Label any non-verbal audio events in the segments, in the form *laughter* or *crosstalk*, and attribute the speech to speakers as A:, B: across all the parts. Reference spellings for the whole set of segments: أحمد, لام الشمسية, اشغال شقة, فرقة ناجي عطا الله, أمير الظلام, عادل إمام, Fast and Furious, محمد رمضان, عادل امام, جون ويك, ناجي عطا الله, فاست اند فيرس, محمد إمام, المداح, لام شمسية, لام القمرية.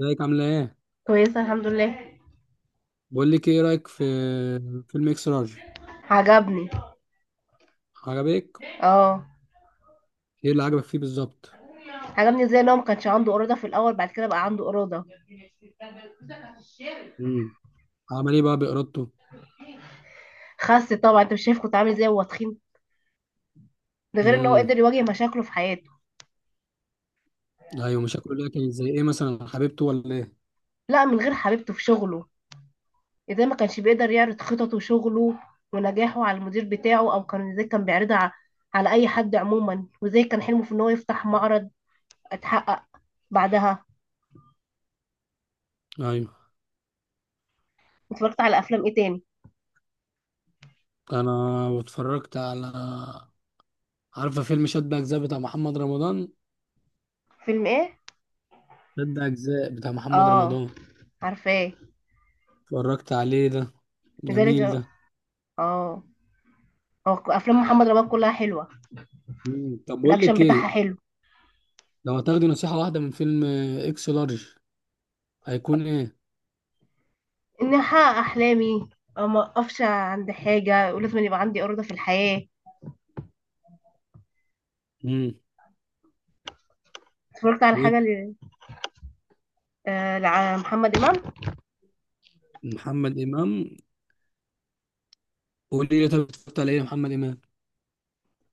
A: ازيك عاملة ايه؟
B: كويسة الحمد لله.
A: بقول لك ايه رأيك في فيلم اكس لارج؟
B: عجبني.
A: عجبك؟
B: اه،
A: ايه اللي عجبك فيه بالظبط؟
B: عجبني ازاي ان هو ما كانش عنده إرادة في الأول، بعد كده بقى عنده إرادة.
A: امم. عمل ايه بقى بإرادته؟
B: خس طبعا، انت مش شايف كنت عامل ازاي وهو تخين؟ ده غير ان هو
A: امم.
B: قدر يواجه مشاكله في حياته.
A: ايوه، مشاكله ده كانت زي ايه مثلا، حبيبته ولا ايه؟
B: لا من غير حبيبته، في شغله. ازاي ما كانش بيقدر يعرض خططه وشغله ونجاحه على المدير بتاعه، او كان ازاي كان بيعرضها على اي حد عموما، وازاي كان حلمه في ان هو يفتح معرض اتحقق بعدها.
A: ايوه.
B: اتفرجت على افلام ايه تاني؟
A: انا اتفرجت على، عارفة فيلم شد أجزاء بتاع محمد رمضان؟
B: فيلم ايه؟
A: شد أجزاء بتاع محمد
B: اه،
A: رمضان.
B: عارفاه.
A: اتفرجت عليه ده، جميل
B: لذلك.
A: ده.
B: اه، هو افلام محمد رمضان كلها حلوة.
A: امم، طب بقول
B: الاكشن
A: لك
B: بتاعها
A: ايه؟
B: حلو.
A: لو هتاخدي نصيحة واحدة من فيلم اكس لارج هيكون ايه؟
B: اني احقق احلامي، أو ما اقفش عند حاجه، ولازم يبقى عندي ارادة في الحياه.
A: امم.
B: اتفرجت على حاجه آه، لمحمد امام.
A: محمد إمام، قول لي طب اتفرجت على ايه يا محمد امام؟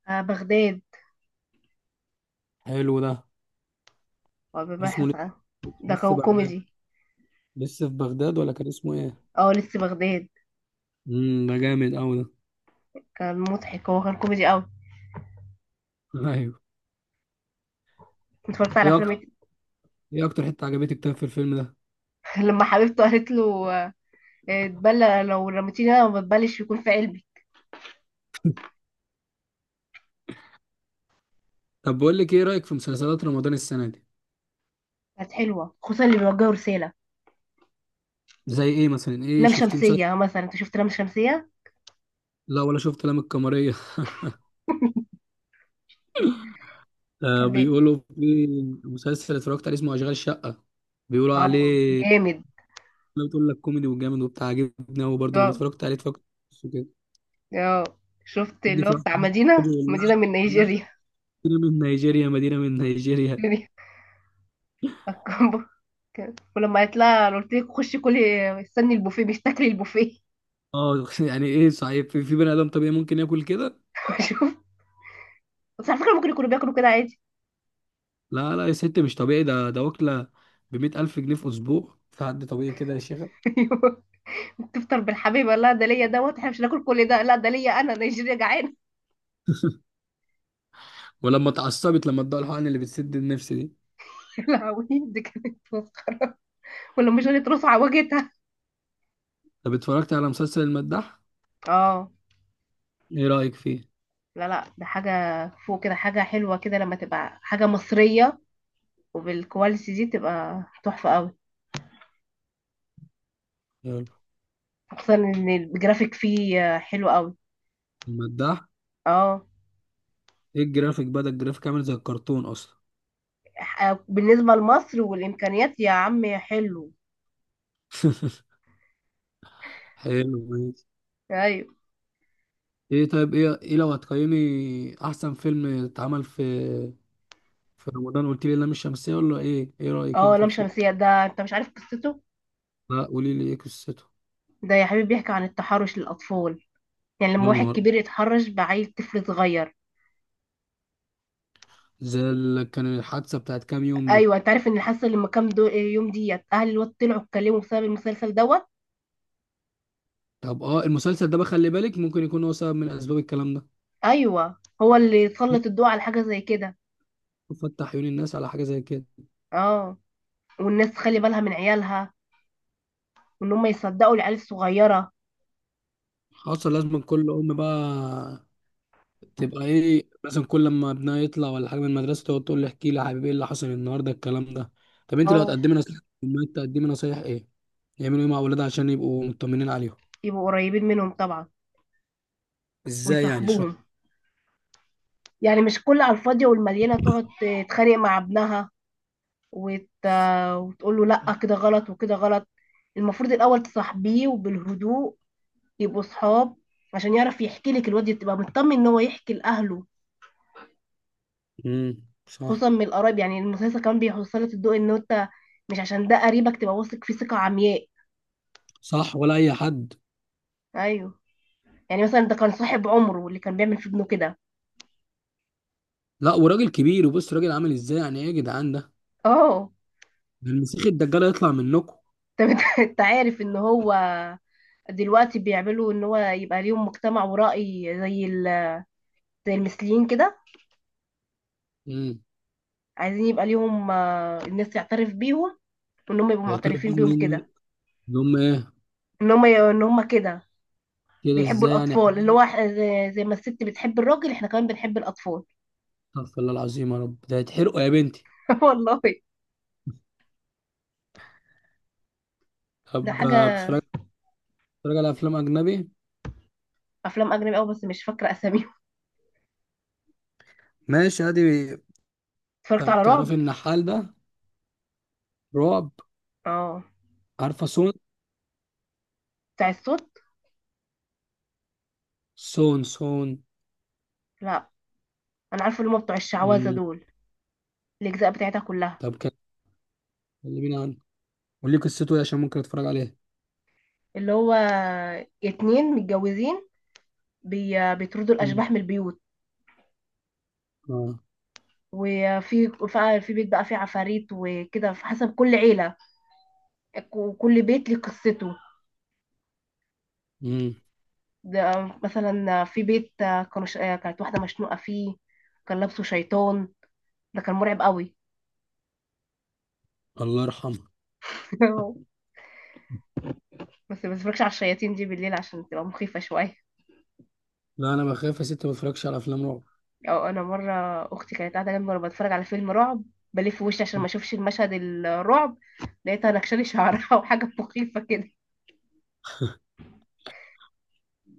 B: بغداد.
A: حلو ده. اسمه
B: وبيبحث عن ده
A: لسه
B: كان
A: بغداد،
B: كوميدي.
A: لسه في بغداد ولا كان اسمه ايه؟
B: اه، لسه بغداد.
A: امم، ده جامد قوي ده.
B: كان مضحك، هو كان كوميدي قوي.
A: *laughs* ايوه.
B: اتفرجت على
A: ايه
B: افلام
A: اكتر،
B: إيه؟
A: ايه اكتر حته عجبتك طيب في الفيلم ده؟
B: *laughs* لما حبيبته قالت له اتبلى لو رميتيني انا ما بتبلش يكون في قلبي.
A: طب بقول لك ايه رايك في مسلسلات رمضان السنه دي؟
B: كانت حلوه، خصوصا اللي بيوجهوا رساله.
A: زي ايه مثلا، ايه
B: لام
A: شفتي مسلسل؟
B: شمسيه مثلا، انت شفت لام شمسيه؟
A: لا، ولا شفت لام القمريه. *laughs* آه
B: كان بي-
A: بيقولوا في مسلسل اتفرجت عليه اسمه اشغال شقه، بيقولوا
B: اه
A: عليه.
B: جامد.
A: انا بتقول لك كوميدي وجامد وبتاع، عجبني قوي برضه لما اتفرجت عليه، اتفرجت كده.
B: اه، شفت
A: خدني
B: اللي هو
A: في واحد،
B: بتاع
A: خد
B: مدينة مدينة
A: والله.
B: من نيجيريا.
A: مدينة من نيجيريا، مدينة من نيجيريا.
B: *laughs* الكومبو. ولما قالت لها أنا قلت لك خشي كلي، استني البوفيه مش تاكلي البوفيه.
A: اه، *laughs* يعني ايه صحيح في بني ادم طبيعي ممكن ياكل كده؟
B: *laughs* شوف، بس على فكرة ممكن يكونوا بياكلوا كده عادي.
A: لا لا يا ست، مش طبيعي ده، ده واكلة ب100,000 جنيه في أسبوع، في حد طبيعي كده يا شيخة؟
B: *laughs* أيوة. تفطر بالحبيبة، لا ده ليا دوت احنا مش هناكل كل ده، لا ده ليا انا نيجيريا جعانة.
A: ولما اتعصبت لما ادوها الحقن اللي بتسد النفس دي.
B: *laughs* يا لهوي دي كانت مسخرة، ولا مش قالت رصع وجهتها.
A: طب اتفرجت على مسلسل المداح؟
B: اه.
A: ايه رأيك فيه؟
B: لا لا، ده حاجة فوق كده، حاجة حلوة كده، لما تبقى حاجة مصرية وبالكواليتي دي تبقى تحفة قوي.
A: حلو.
B: خصوصا ان الجرافيك فيه حلو قوي.
A: المداح.
B: اه.
A: ايه الجرافيك بقى؟ ده الجرافيك عامل زي الكرتون اصلا.
B: بالنسبة لمصر والإمكانيات يا عم حلو.
A: حلو، ماشي.
B: أيوة.
A: ايه طيب، ايه ايه لو هتقيمي احسن فيلم اتعمل في في رمضان؟ قلت لي لام الشمسية ولا ايه؟ ايه رأيك
B: اه،
A: انت
B: لام
A: فيه؟
B: شمسية ده أنت مش عارف قصته.
A: لا، قولي لي ايه قصته.
B: ده يا حبيبي بيحكي عن التحرش للأطفال، يعني لما
A: يا
B: واحد
A: نهار،
B: كبير يتحرش بعيل طفل صغير.
A: زي كان الحادثه بتاعت كام يوم دي.
B: أيوة، أنت عارف إن اللي حصل لما يوم ديت أهل الواد طلعوا اتكلموا بسبب المسلسل دوت.
A: طب اه، المسلسل ده بقى خلي بالك ممكن يكون هو سبب من اسباب الكلام ده.
B: أيوة، هو اللي سلط الضوء على حاجة زي كده.
A: *laughs* فتح عيون الناس على حاجه زي كده.
B: اه. والناس تخلي بالها من عيالها، وإن هم يصدقوا العيال الصغيرة.
A: حصل، لازم كل ام بقى تبقى ايه مثلا، كل لما ابنها يطلع ولا حاجه من المدرسه تقعد تقول له احكي لي يا حبيبي ايه اللي حصل النهارده الكلام ده. طب انت لو
B: اه،
A: هتقدمي نصيحه للامهات تقدمي نصايح ايه؟ يعملوا ايه مع اولادها عشان يبقوا مطمنين عليهم؟
B: يبقوا قريبين منهم طبعا،
A: ازاي يعني شو؟
B: ويصاحبوهم. يعني مش كل على الفاضية والمليانة تقعد تتخانق مع ابنها وت... وتقول له لا كده غلط وكده غلط. المفروض الأول تصاحبيه وبالهدوء، يبقوا صحاب، عشان يعرف يحكي لك. الواد تبقى مطمن ان هو يحكي لأهله،
A: امم،
B: خصوصا
A: صح.
B: من القرايب. يعني المسلسل كمان بيوصلك الضوء ان انت مش عشان ده قريبك تبقى واثق فيه ثقة عمياء.
A: صح ولا اي حد.
B: ايوه. يعني مثلا ده كان صاحب عمره اللي كان بيعمل في ابنه كده.
A: لا، وراجل كبير وبص راجل عامل ازاي؟ يعني ايه يا جدعان ده؟
B: اه.
A: ده المسيح الدجال هيطلع منكم.
B: طب انت *laughs* انت عارف ان هو دلوقتي بيعملوا ان هو يبقى ليهم مجتمع ورأي، زي ال المثليين كده.
A: امم.
B: عايزين يبقى ليهم الناس تعترف بيهم، وان هم يبقوا
A: يا ترى
B: معترفين بيهم
A: بيعملوا ايه
B: كده.
A: اللي هم ايه؟
B: ان هم كده
A: كده
B: بيحبوا
A: ازاي يعني يا
B: الاطفال، اللي
A: حبيبي؟
B: هو زي ما الست بتحب الراجل احنا كمان بنحب الاطفال.
A: استغفر الله العظيم، يا رب ده هيتحرقوا يا بنتي.
B: *laughs* والله. ده
A: طب
B: حاجه.
A: بتتفرج على افلام اجنبي؟
B: افلام اجنبي قوي بس مش فاكره اساميهم.
A: ماشي، ادي.
B: اتفرجت
A: طب
B: على
A: تعرفي
B: رعب.
A: النحال ده؟ رعب.
B: اه،
A: عارفه سون.
B: بتاع الصوت.
A: سون سون.
B: لا. انا عارفه اللي هم بتوع الشعوذه
A: امم.
B: دول، الاجزاء بتاعتها كلها.
A: طب كلميني عنه، قولي قصته ايه عشان ممكن اتفرج عليه.
B: اللي هو اتنين متجوزين بيطردوا
A: امم.
B: الاشباح من البيوت.
A: اه.
B: وفي في بيت بقى فيه عفاريت وكده، في حسب كل عيله وكل بيت ليه قصته.
A: امم.
B: ده مثلا في بيت كانوا ش... آه، كانت واحدة مشنوقة فيه، كان لابسه شيطان. ده كان مرعب قوي.
A: الله يرحمها.
B: *laughs* بس ما بتفرجش على الشياطين دي بالليل عشان تبقى مخيفة شوية.
A: لا انا بخاف يا ست، ما بتفرجش على افلام رعب.
B: او انا مرة اختي كانت قاعدة جنبي وانا بتفرج على فيلم رعب، بلف وشي عشان ما اشوفش المشهد الرعب، لقيتها نكشلي شعرها *laughs* وحاجة مخيفة كده.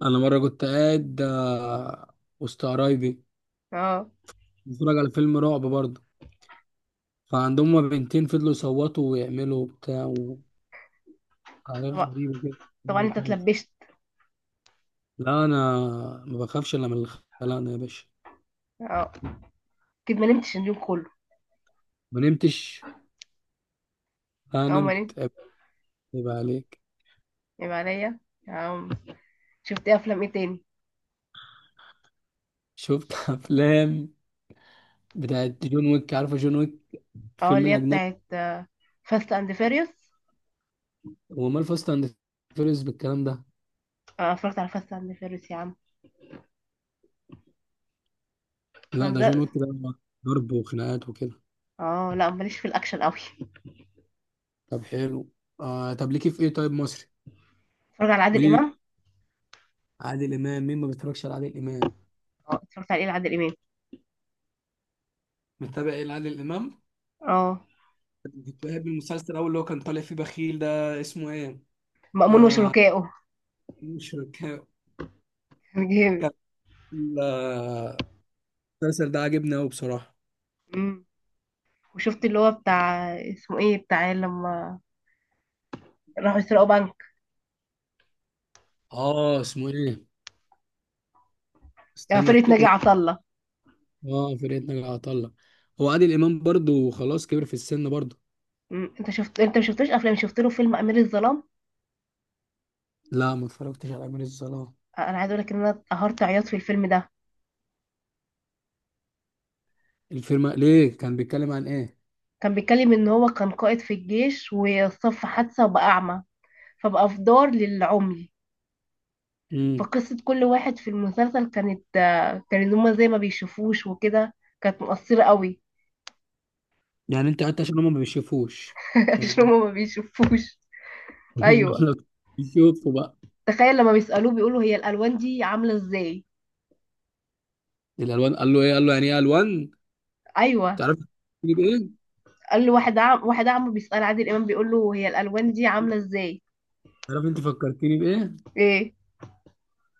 A: انا مره كنت قاعد وسط قرايبي،
B: اه.
A: بتفرج على فيلم رعب برضه، فعندهم هما بنتين فضلوا يصوتوا ويعملوا بتاع وحاجات
B: طبعا
A: غريبه كده.
B: طبعا. انت اتلبشت.
A: لا انا ما بخافش الا من الخلانه يا باشا.
B: اه، اكيد ما نمتش اليوم كله.
A: ما نمتش، انا
B: اه، ما نمت.
A: نمت. يبقى عليك.
B: يبقى عليا. آه. شفت افلام ايه تاني؟
A: شفت *laughs* افلام بتاعت جون ويك، عارفه جون ويك
B: اه،
A: فيلم
B: اللي هي
A: الاجنبي؟
B: بتاعت فاست اند فيريوس.
A: هو مال فاست اند فيرس بالكلام ده؟
B: اه، اتفرجت على فاست اند فيريوس يا عم.
A: لا
B: أنا
A: ده جون
B: ده.
A: ويك ده، ضرب وخناقات وكده.
B: اه، لا ماليش في الاكشن قوي.
A: طب حلو. آه طب ليكي في ايه طيب مصري؟
B: اتفرج على عادل امام.
A: عادل امام. مين ما بيتفرجش على عادل امام؟
B: اه، اتفرجت على ايه لعادل امام؟
A: متابع ايه لعادل امام؟
B: اه،
A: كنت بحب المسلسل الاول اللي هو كان طالع فيه بخيل ده، اسمه ايه؟
B: مأمون
A: آه،
B: وشركائه.
A: مش فاكر.
B: *laughs* جامد.
A: كان آه، المسلسل ده عاجبني قوي بصراحه.
B: أمم. وشفت اللي هو بتاع اسمه ايه بتاع لما راحوا يسرقوا بنك،
A: اه اسمه ايه؟ استنى
B: فرقة ناجي عطا الله.
A: اه فرقة ناجي عطا الله. هو عادل امام برضو خلاص كبر في السن برضو.
B: أمم. انت شفت، انت ما شفتوش افلام؟ شفت له فيلم امير الظلام.
A: لا ما اتفرجتش على امير الظلام.
B: انا عايز اقول لك ان انا قهرت عياط في الفيلم ده.
A: الفيلم ليه كان بيتكلم عن ايه؟
B: كان بيتكلم ان هو كان قائد في الجيش وصف حادثة وبقى اعمى، فبقى في دار للعمي.
A: امم.
B: فقصة كل واحد في المسلسل كانت هما زي ما بيشوفوش وكده. كانت مؤثرة قوي.
A: يعني انت قعدت عشان هم ما بيشوفوش؟
B: *laughs* عشان
A: هم.
B: هما ما بيشوفوش.
A: *laughs*
B: أيوة.
A: لو بيشوفوا بقى.
B: تخيل لما بيسألوه بيقولوا هي الألوان دي عاملة ازاي.
A: الالوان قال له ايه؟ قال له يعني ايه الوان.
B: أيوة
A: تعرف تجيب ايه؟
B: قال له واحد عم، واحد عمه بيسأل عادل إمام بيقول له هي الألوان دي عاملة ازاي.
A: تعرف انت فكرتني بايه؟
B: ايه؟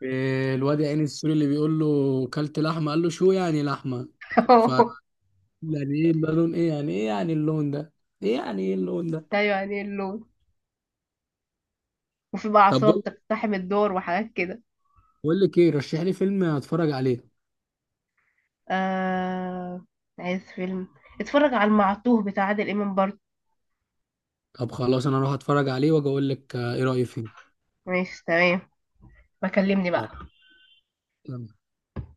A: إيه الواد يا عيني السوري اللي بيقول له كلت لحمه، قال له شو يعني لحمه؟ ف
B: *laughs*
A: يعني ايه ده، لون ايه؟ يعني ايه يعني اللون ده؟ ايه يعني ايه اللون ده؟
B: أيوة يعني اللون. وفي بقى
A: طب
B: عصابة
A: بقول
B: بتقتحم الدور وحاجات كده.
A: بقول لك ايه، رشح لي فيلم اتفرج عليه.
B: آه... عايز فيلم، اتفرج على المعطوه بتاع عادل إمام برضه.
A: طب خلاص انا اروح اتفرج عليه واجي اقول لك ايه رايي فيه.
B: ماشي تمام. بكلمني بقى.
A: يلا.